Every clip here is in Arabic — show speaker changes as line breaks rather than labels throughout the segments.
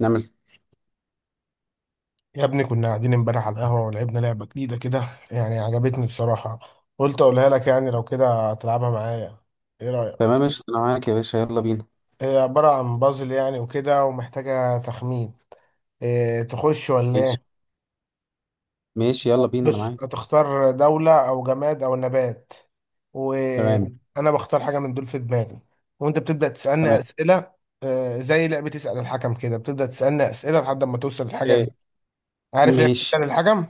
نعمل.
يا ابني، كنا قاعدين امبارح على القهوة ولعبنا لعبة جديدة كده. يعني عجبتني بصراحة. قلت اقولها لك، يعني لو كده تلعبها معايا. ايه رأيك؟
تمام ماشي، انا معاك يا باشا، يلا بينا.
هي عبارة عن بازل يعني وكده، ومحتاجة تخمين. إيه، تخش ولا
ماشي
ايه؟
ماشي، يلا بينا انا
بص،
معاك.
هتختار دولة او جماد او نبات،
تمام
وانا بختار حاجة من دول في دماغي، وانت بتبدأ تسألني
تمام.
أسئلة. زي لعبة تسأل الحكم كده، بتبدأ تسألني أسئلة لحد ما توصل للحاجة
إيه.
دي. عارف لعبة
ماشي.
تسأل الحكم؟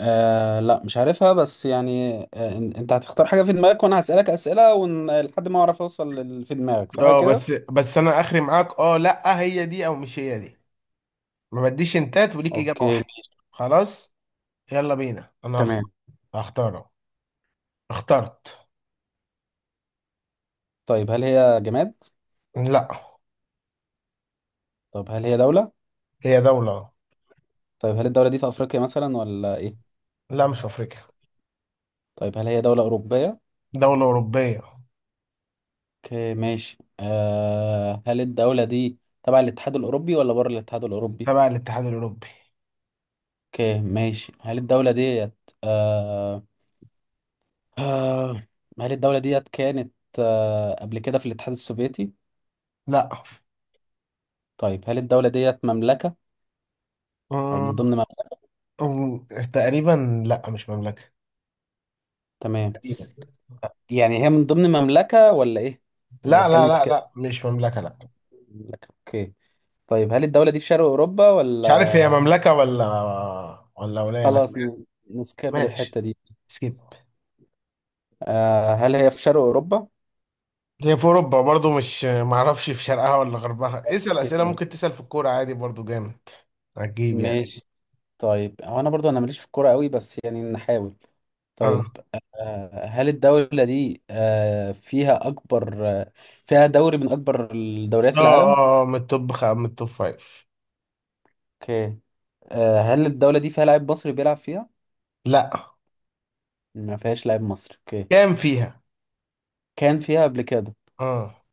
لا مش عارفها، بس يعني انت هتختار حاجة في دماغك وانا هسألك أسئلة لحد ما اعرف اوصل في دماغك، صح
اه،
كده.
بس انا اخري معاك. اه لا، هي دي او مش هي دي. ما بديش انتات، وليك اجابه
اوكي
واحده. خلاص. يلا بينا، انا
تمام.
هختاره. اخترت.
طيب هل هي جماد؟
لا.
طب هل هي دولة؟
هي دوله.
طيب هل الدولة دي في افريقيا مثلا ولا ايه؟
لا، مش في افريقيا.
طيب هل هي دولة أوروبية؟
دوله اوروبيه.
اوكي ماشي. هل الدولة دي تبع الاتحاد الأوروبي ولا بره الاتحاد الأوروبي؟
تبع الاتحاد الاوروبي.
اوكي ماشي. آه آه هل الدولة ديت كانت قبل كده في الاتحاد السوفيتي؟
لا.
طيب هل الدولة ديت مملكة أو من
أمم،
ضمن مملكة؟
أمم، تقريبا لا، مش مملكه.
تمام.
تقريبا.
يعني هي من ضمن مملكة ولا إيه؟ أنا
لا لا
بتكلم في
لا
كده
لا، مش مملكه، لا.
مملكة. اوكي. طيب هل الدولة دي في شرق أوروبا ولا...
مش عارف هي مملكه ولا، ولا ولايه بس.
خلاص نسكاب
ماشي.
الحتة دي.
سكيب.
هل هي في شرق أوروبا؟
هي في اوروبا برضو، مش معرفش في شرقها ولا غربها. اسال اسئله، ممكن تسال في الكوره عادي برضو. جامد هتجيب يعني.
ماشي. طيب هو أنا برضو أنا ماليش في الكورة قوي، بس يعني نحاول.
اه
طيب هل الدولة دي فيها أكبر فيها دوري من أكبر الدوريات
اه
في العالم؟
اه، من من التوب فايف.
اوكي. هل الدولة دي فيها لاعب مصري بيلعب فيها؟
لا.
ما فيهاش لاعب مصري. اوكي.
كام فيها؟
كان فيها قبل كده.
اه.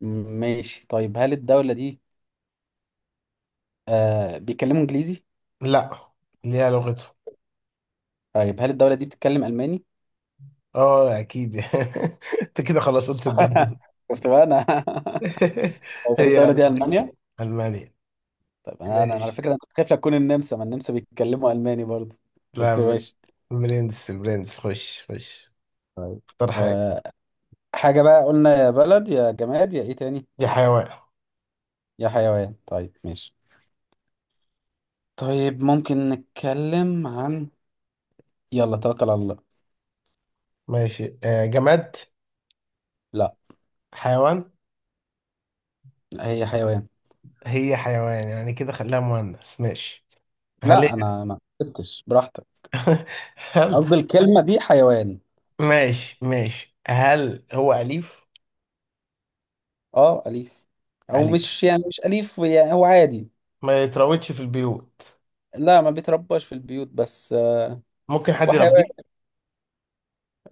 م- ماشي. طيب هل الدولة دي بيتكلموا إنجليزي؟
لا، ليها لغته.
طيب هل الدولة دي بتتكلم ألماني؟
اه اكيد انت كده خلاص قلت الدولة.
شفت بقى أنا. طيب هل
هي
الدولة دي ألمانيا؟
المانيا.
طيب أنا على
ماشي.
فكرة أنا كنت خايف لا تكون النمسا، ما النمسا بيتكلموا ألماني برضه.
لا
بس
بر-
ماشي.
برنس برنس، خش خش.
طيب
اختار حاجه.
آه حاجة بقى، قلنا يا بلد يا جماد يا ايه تاني؟
يا حيوان.
يا حيوان. طيب ماشي. طيب ممكن نتكلم عن... يلا توكل على الله.
ماشي. جماد.
لا.
حيوان.
هي حيوان.
هي حيوان يعني كده، خليها مؤنث. ماشي. هل.
لا انا ما قلتش براحتك، أنا
هل.
قصدي الكلمة دي حيوان.
ماشي ماشي، هل هو أليف؟
اه أليف، او
أليف.
مش يعني مش أليف، يعني هو عادي.
ما يتراودش في البيوت.
لا ما بيترباش في البيوت، بس
ممكن حد
وحيوان.
يربيه.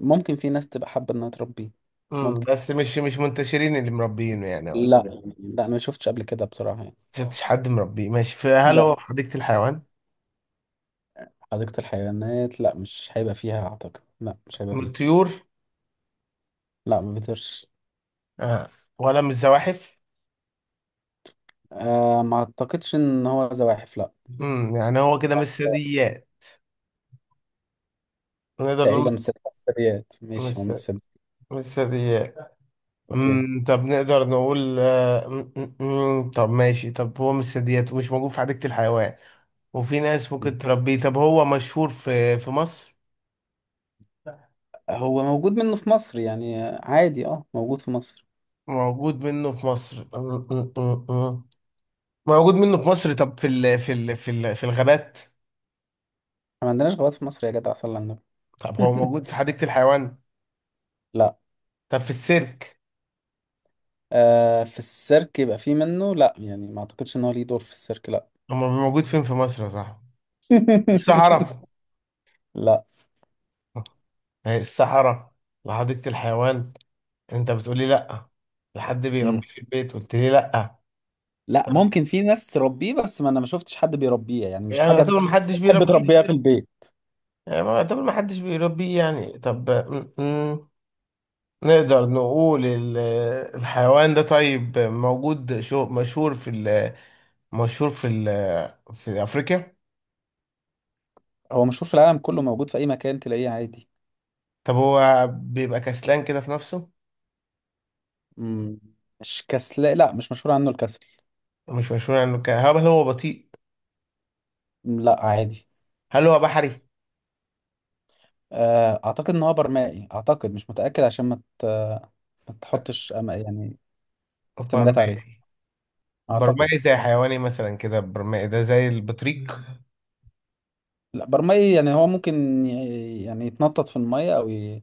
ممكن في ناس تبقى حابة انها تربيه. ممكن.
بس مش منتشرين اللي مربينه يعني،
لا.
قصدي.
لا انا ما شفتش قبل كده بصراحة يعني.
ما شفتش حد مربيه. ماشي، فهل هو
لا،
في حديقة الحيوان؟
حديقة الحيوانات لا مش هيبقى فيها اعتقد، لا مش هيبقى
من
فيها.
الطيور؟
لا ما بيطيرش.
آه. ولا من الزواحف؟
ما اعتقدش ان هو زواحف، لا.
يعني هو كده مش ثدييات. نقدر نقول
تقريبا من
مش.
الثدي- الثدييات، ماشي هو من
مش
الثدييات.
مش ثدييات.
اوكي.
طب نقدر نقول آه، أمم، أمم، طب ماشي. طب هو مش ثدييات ومش موجود في حديقة الحيوان، وفي ناس
م.
ممكن تربيه. طب هو مشهور في مصر؟
هو موجود منه في مصر، يعني عادي، موجود في مصر.
موجود منه في مصر. أمم، أمم، أمم. موجود منه في مصر. طب في الغابات؟
احنا ما عندناش غابات في مصر يا جدع، صلى على النبي.
طب هو موجود في حديقة الحيوان؟
لا.
طب في السيرك؟
آه في السيرك يبقى في منه، لا يعني ما اعتقدش ان هو ليه دور في السيرك، لا.
هو موجود فين في مصر يا صاحبي؟ الصحراء.
لا.
ما هي الصحراء وحديقة الحيوان، انت بتقولي لا. لحد
مم.
بيربيه في البيت قلت لي لا.
لا ممكن في ناس تربيه، بس ما انا ما شفتش حد بيربيه، يعني مش
يعني
حاجة
يعتبر محدش
تحب
بيربيه.
تربيها في البيت.
يعني، ما يعتبر محدش بيربيه يعني. طب نقدر نقول الحيوان ده، طيب موجود، شو مشهور في ال مشهور في أفريقيا؟
هو مشهور في العالم كله، موجود في اي مكان تلاقيه عادي.
طب هو بيبقى كسلان كده في نفسه؟
مم. مش كسل، لا مش مشهور عنه الكسل.
مش مشهور عنه هل هو بطيء؟
لا عادي.
هل هو بحري؟
اعتقد ان هو برمائي، اعتقد مش متاكد، عشان ما تحطش يعني احتمالات عليه،
برمائي.
اعتقد.
برمائي زي حيواني مثلا كده، برمائي ده زي البطريق.
لا برمائي يعني هو ممكن يعني يتنطط في الميه او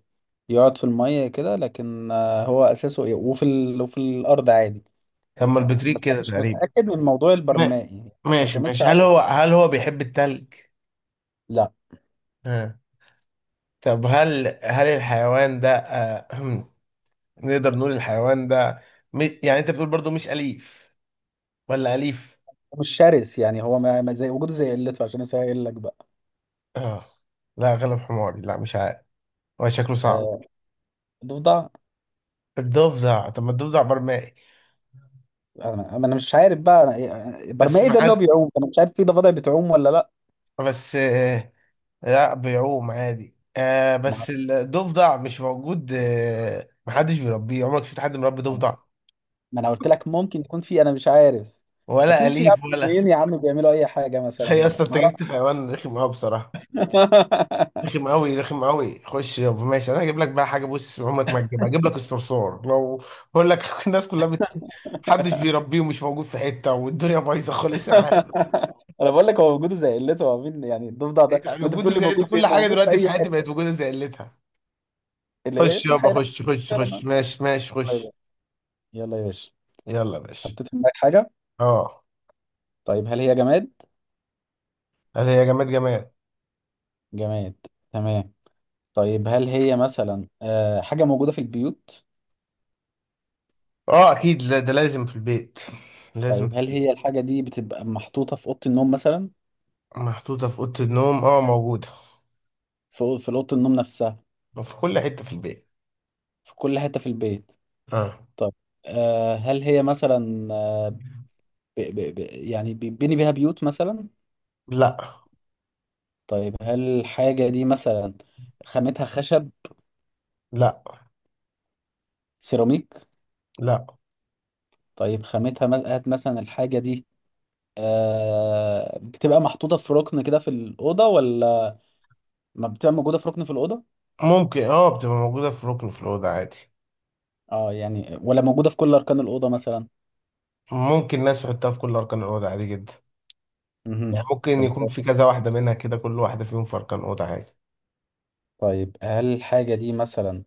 يقعد في الميه كده، لكن هو اساسه ايه، وفي الارض عادي.
طب ما البطريق
بس أنا
كده
مش
تقريبا.
متاكد من موضوع
ما-
البرمائي. ما
ماشي
تعتمدش
ماشي، هل هو
عليه.
هل هو بيحب التلج؟
لا
ها. طب هل الحيوان ده، نقدر نقول الحيوان ده يعني انت بتقول برضو مش أليف، ولا أليف؟
مش شرس، يعني هو ما زي وجوده زي قلته، عشان اسهل لك بقى.
اه. لا، غلب حماري، لا مش عارف. هو شكله صعب.
آه، ضفدع.
الضفدع؟ طب ما الضفدع برمائي.
أما أنا مش عارف بقى
بس
برمائي ايه
ما
ده اللي هو
حد
بيعوم، انا مش عارف في ضفادع بتعوم ولا لا.
بس آه، لا، بيعوم عادي.
ما
بس
أعرف.
الضفدع مش موجود. ما حدش بيربيه. عمرك شفت حد مربي
أنا-
ضفدع؟
ما انا قلت لك ممكن يكون في، انا مش عارف.
ولا
اكيد في يا عم،
أليف
اتنين يا عم بيعملوا اي حاجه مثلا.
هي اصلا
ما
انت جبت
أعرف.
حيوان رخم قوي بصراحة. رخم قوي، رخم قوي. خش يابا. ماشي، انا هجيب لك بقى حاجه، بص عمرك ما تجيبها. هجيب لك الصرصور لو بقول لك. الناس كلها محدش بيربيه ومش موجود في حته، والدنيا بايظه خالص.
انا بقول لك هو وجوده زي قلته، هو مين يعني الضفدع ده
يعني
وانت
وجوده
بتقول لي
زي انت.
موجود فين،
كل
ده
حاجه
موجود في
دلوقتي في
اي
حياتي بقت
حته
وجوده زي قلتها.
اللي هي
خش
في
يابا،
حيوانات،
خش خش
فعلا
خش.
ما-
ماشي ماشي، خش.
طيب. يلا يا باشا.
يلا يا باشا.
حطيت في دماغك حاجه؟
اه.
طيب هل هي جماد؟
هل هي جماد؟ جماد.
جماد. تمام. طيب هل هي مثلا حاجه موجوده في البيوت؟
اه اكيد، لا ده لازم في البيت. لازم
طيب
في
هل
البيت.
هي الحاجة دي بتبقى محطوطة في أوضة النوم مثلا؟
محطوطه في اوضه النوم، موجوده.
في في أوضة النوم نفسها؟
في كل حته في البيت.
في كل حتة في البيت.
اه.
طب هل هي مثلا ب ب ب يعني بيبني بيها بيوت مثلا؟
لا
طيب هل الحاجة دي مثلا خامتها خشب؟
لا
سيراميك؟
لا.
طيب خامتها هات مثلا الحاجة دي بتبقى محطوطة في ركن كده في الأوضة، ولا ما بتبقى موجودة في ركن في الأوضة؟
ممكن، بتبقى موجودة في ركن في الأوضة عادي.
اه، يعني ولا موجودة في كل أركان الأوضة مثلا؟
ممكن الناس تحطها في كل أركان الأوضة، عادي جدا. يعني
مهم.
ممكن
طب
يكون في كذا واحدة منها كده، كل واحدة فيهم في أركان أوضة، عادي.
طيب هل الحاجة دي مثلا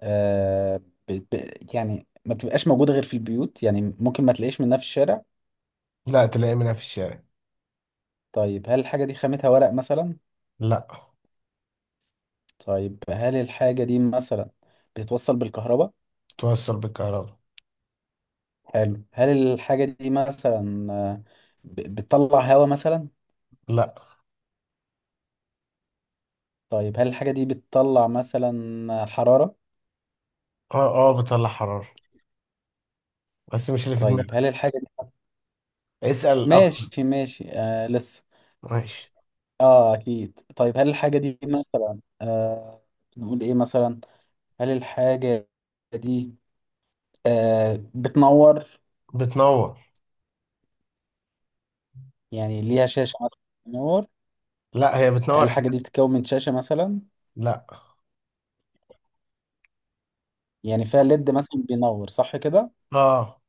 آه يعني ما بتبقاش موجودة غير في البيوت، يعني ممكن ما تلاقيش منها في الشارع؟
لا، تلاقي منها في الشارع.
طيب هل الحاجة دي خامتها ورق مثلا؟
لا.
طيب هل الحاجة دي مثلا بتتوصل بالكهرباء؟
توصل بالكهرباء.
حلو. هل الحاجة دي مثلا بتطلع هواء مثلا؟
لا.
طيب هل الحاجة دي بتطلع مثلا حرارة؟
اه اه، بتطلع حرارة. بس مش اللي في
طيب
دماغك.
هل الحاجة دي...
اسأل أكتر.
ماشي ماشي، لسه.
ماشي.
اه اكيد. طيب هل الحاجة دي مثلا نقول ايه مثلا؟ هل الحاجة دي بتنور؟
بتنور.
يعني ليها شاشة مثلا بتنور؟
لا، هي
هل
بتنور
الحاجة دي بتتكون من شاشة مثلا؟
لا.
يعني فيها ليد مثلا بينور، صح كده؟
اه.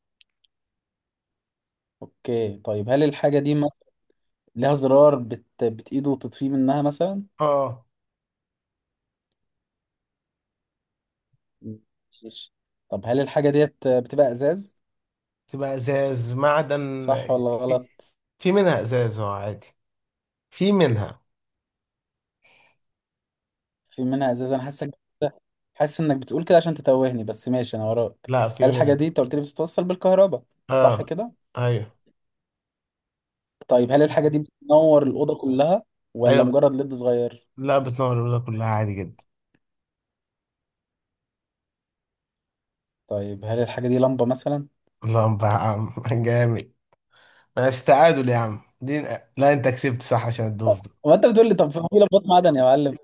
اوكي. طيب هل الحاجة دي ليها زرار بتإيده وتطفيه منها مثلا؟
اه.
ماشي. طب هل الحاجة ديت بتبقى ازاز،
تبقى إزاز معدن؟
صح ولا
في
غلط؟
في منها إزاز، عادي. في منها.
في منها ازاز، انا حاسس انك بتقول كده عشان تتوهني، بس ماشي انا وراك.
لا، في
هل الحاجة دي
منها.
انت قلت لي بتتوصل بالكهرباء، صح
اه.
كده؟
ايوه
طيب هل الحاجة دي بتنور الأوضة كلها ولا
ايوه.
مجرد ليد صغير؟
لا، بتنور الأولى كلها عادي جدا.
طيب هل الحاجة دي لمبة مثلا؟
اللهم يا عم جامد. ماشي، تعادل يا عم دي. لا، أنت كسبت صح عشان الضيف ده.
هو انت بتقول لي طب في لمبات معدن يا معلم؟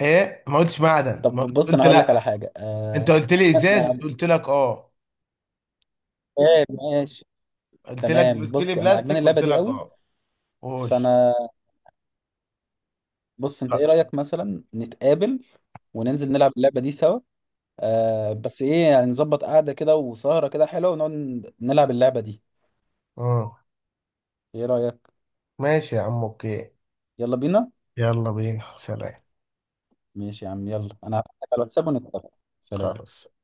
إيه، ما قلتش معدن.
طب
ما قلت
بص انا
قلت
هقول لك
لا.
على حاجة
أنت قلت لي
أنا
إزاز
عجبان-
قلت لك أه.
ماشي.
قلت لك
تمام.
قلت لي
بص انا عجباني
بلاستيك
اللعبة
قلت
دي
لك
قوي،
أه. قول.
فانا بص انت ايه رأيك مثلا نتقابل وننزل نلعب اللعبة دي سوا، بس ايه يعني نظبط قعدة كده وسهرة كده حلوة ونقعد نلعب اللعبة دي،
آه.
ايه رأيك؟
ماشي يا عم أوكي.
يلا بينا.
يلا بينا سلام.
ماشي يا عم، يلا انا هبعت لك على الواتساب ونتفق. سلام.
خلاص.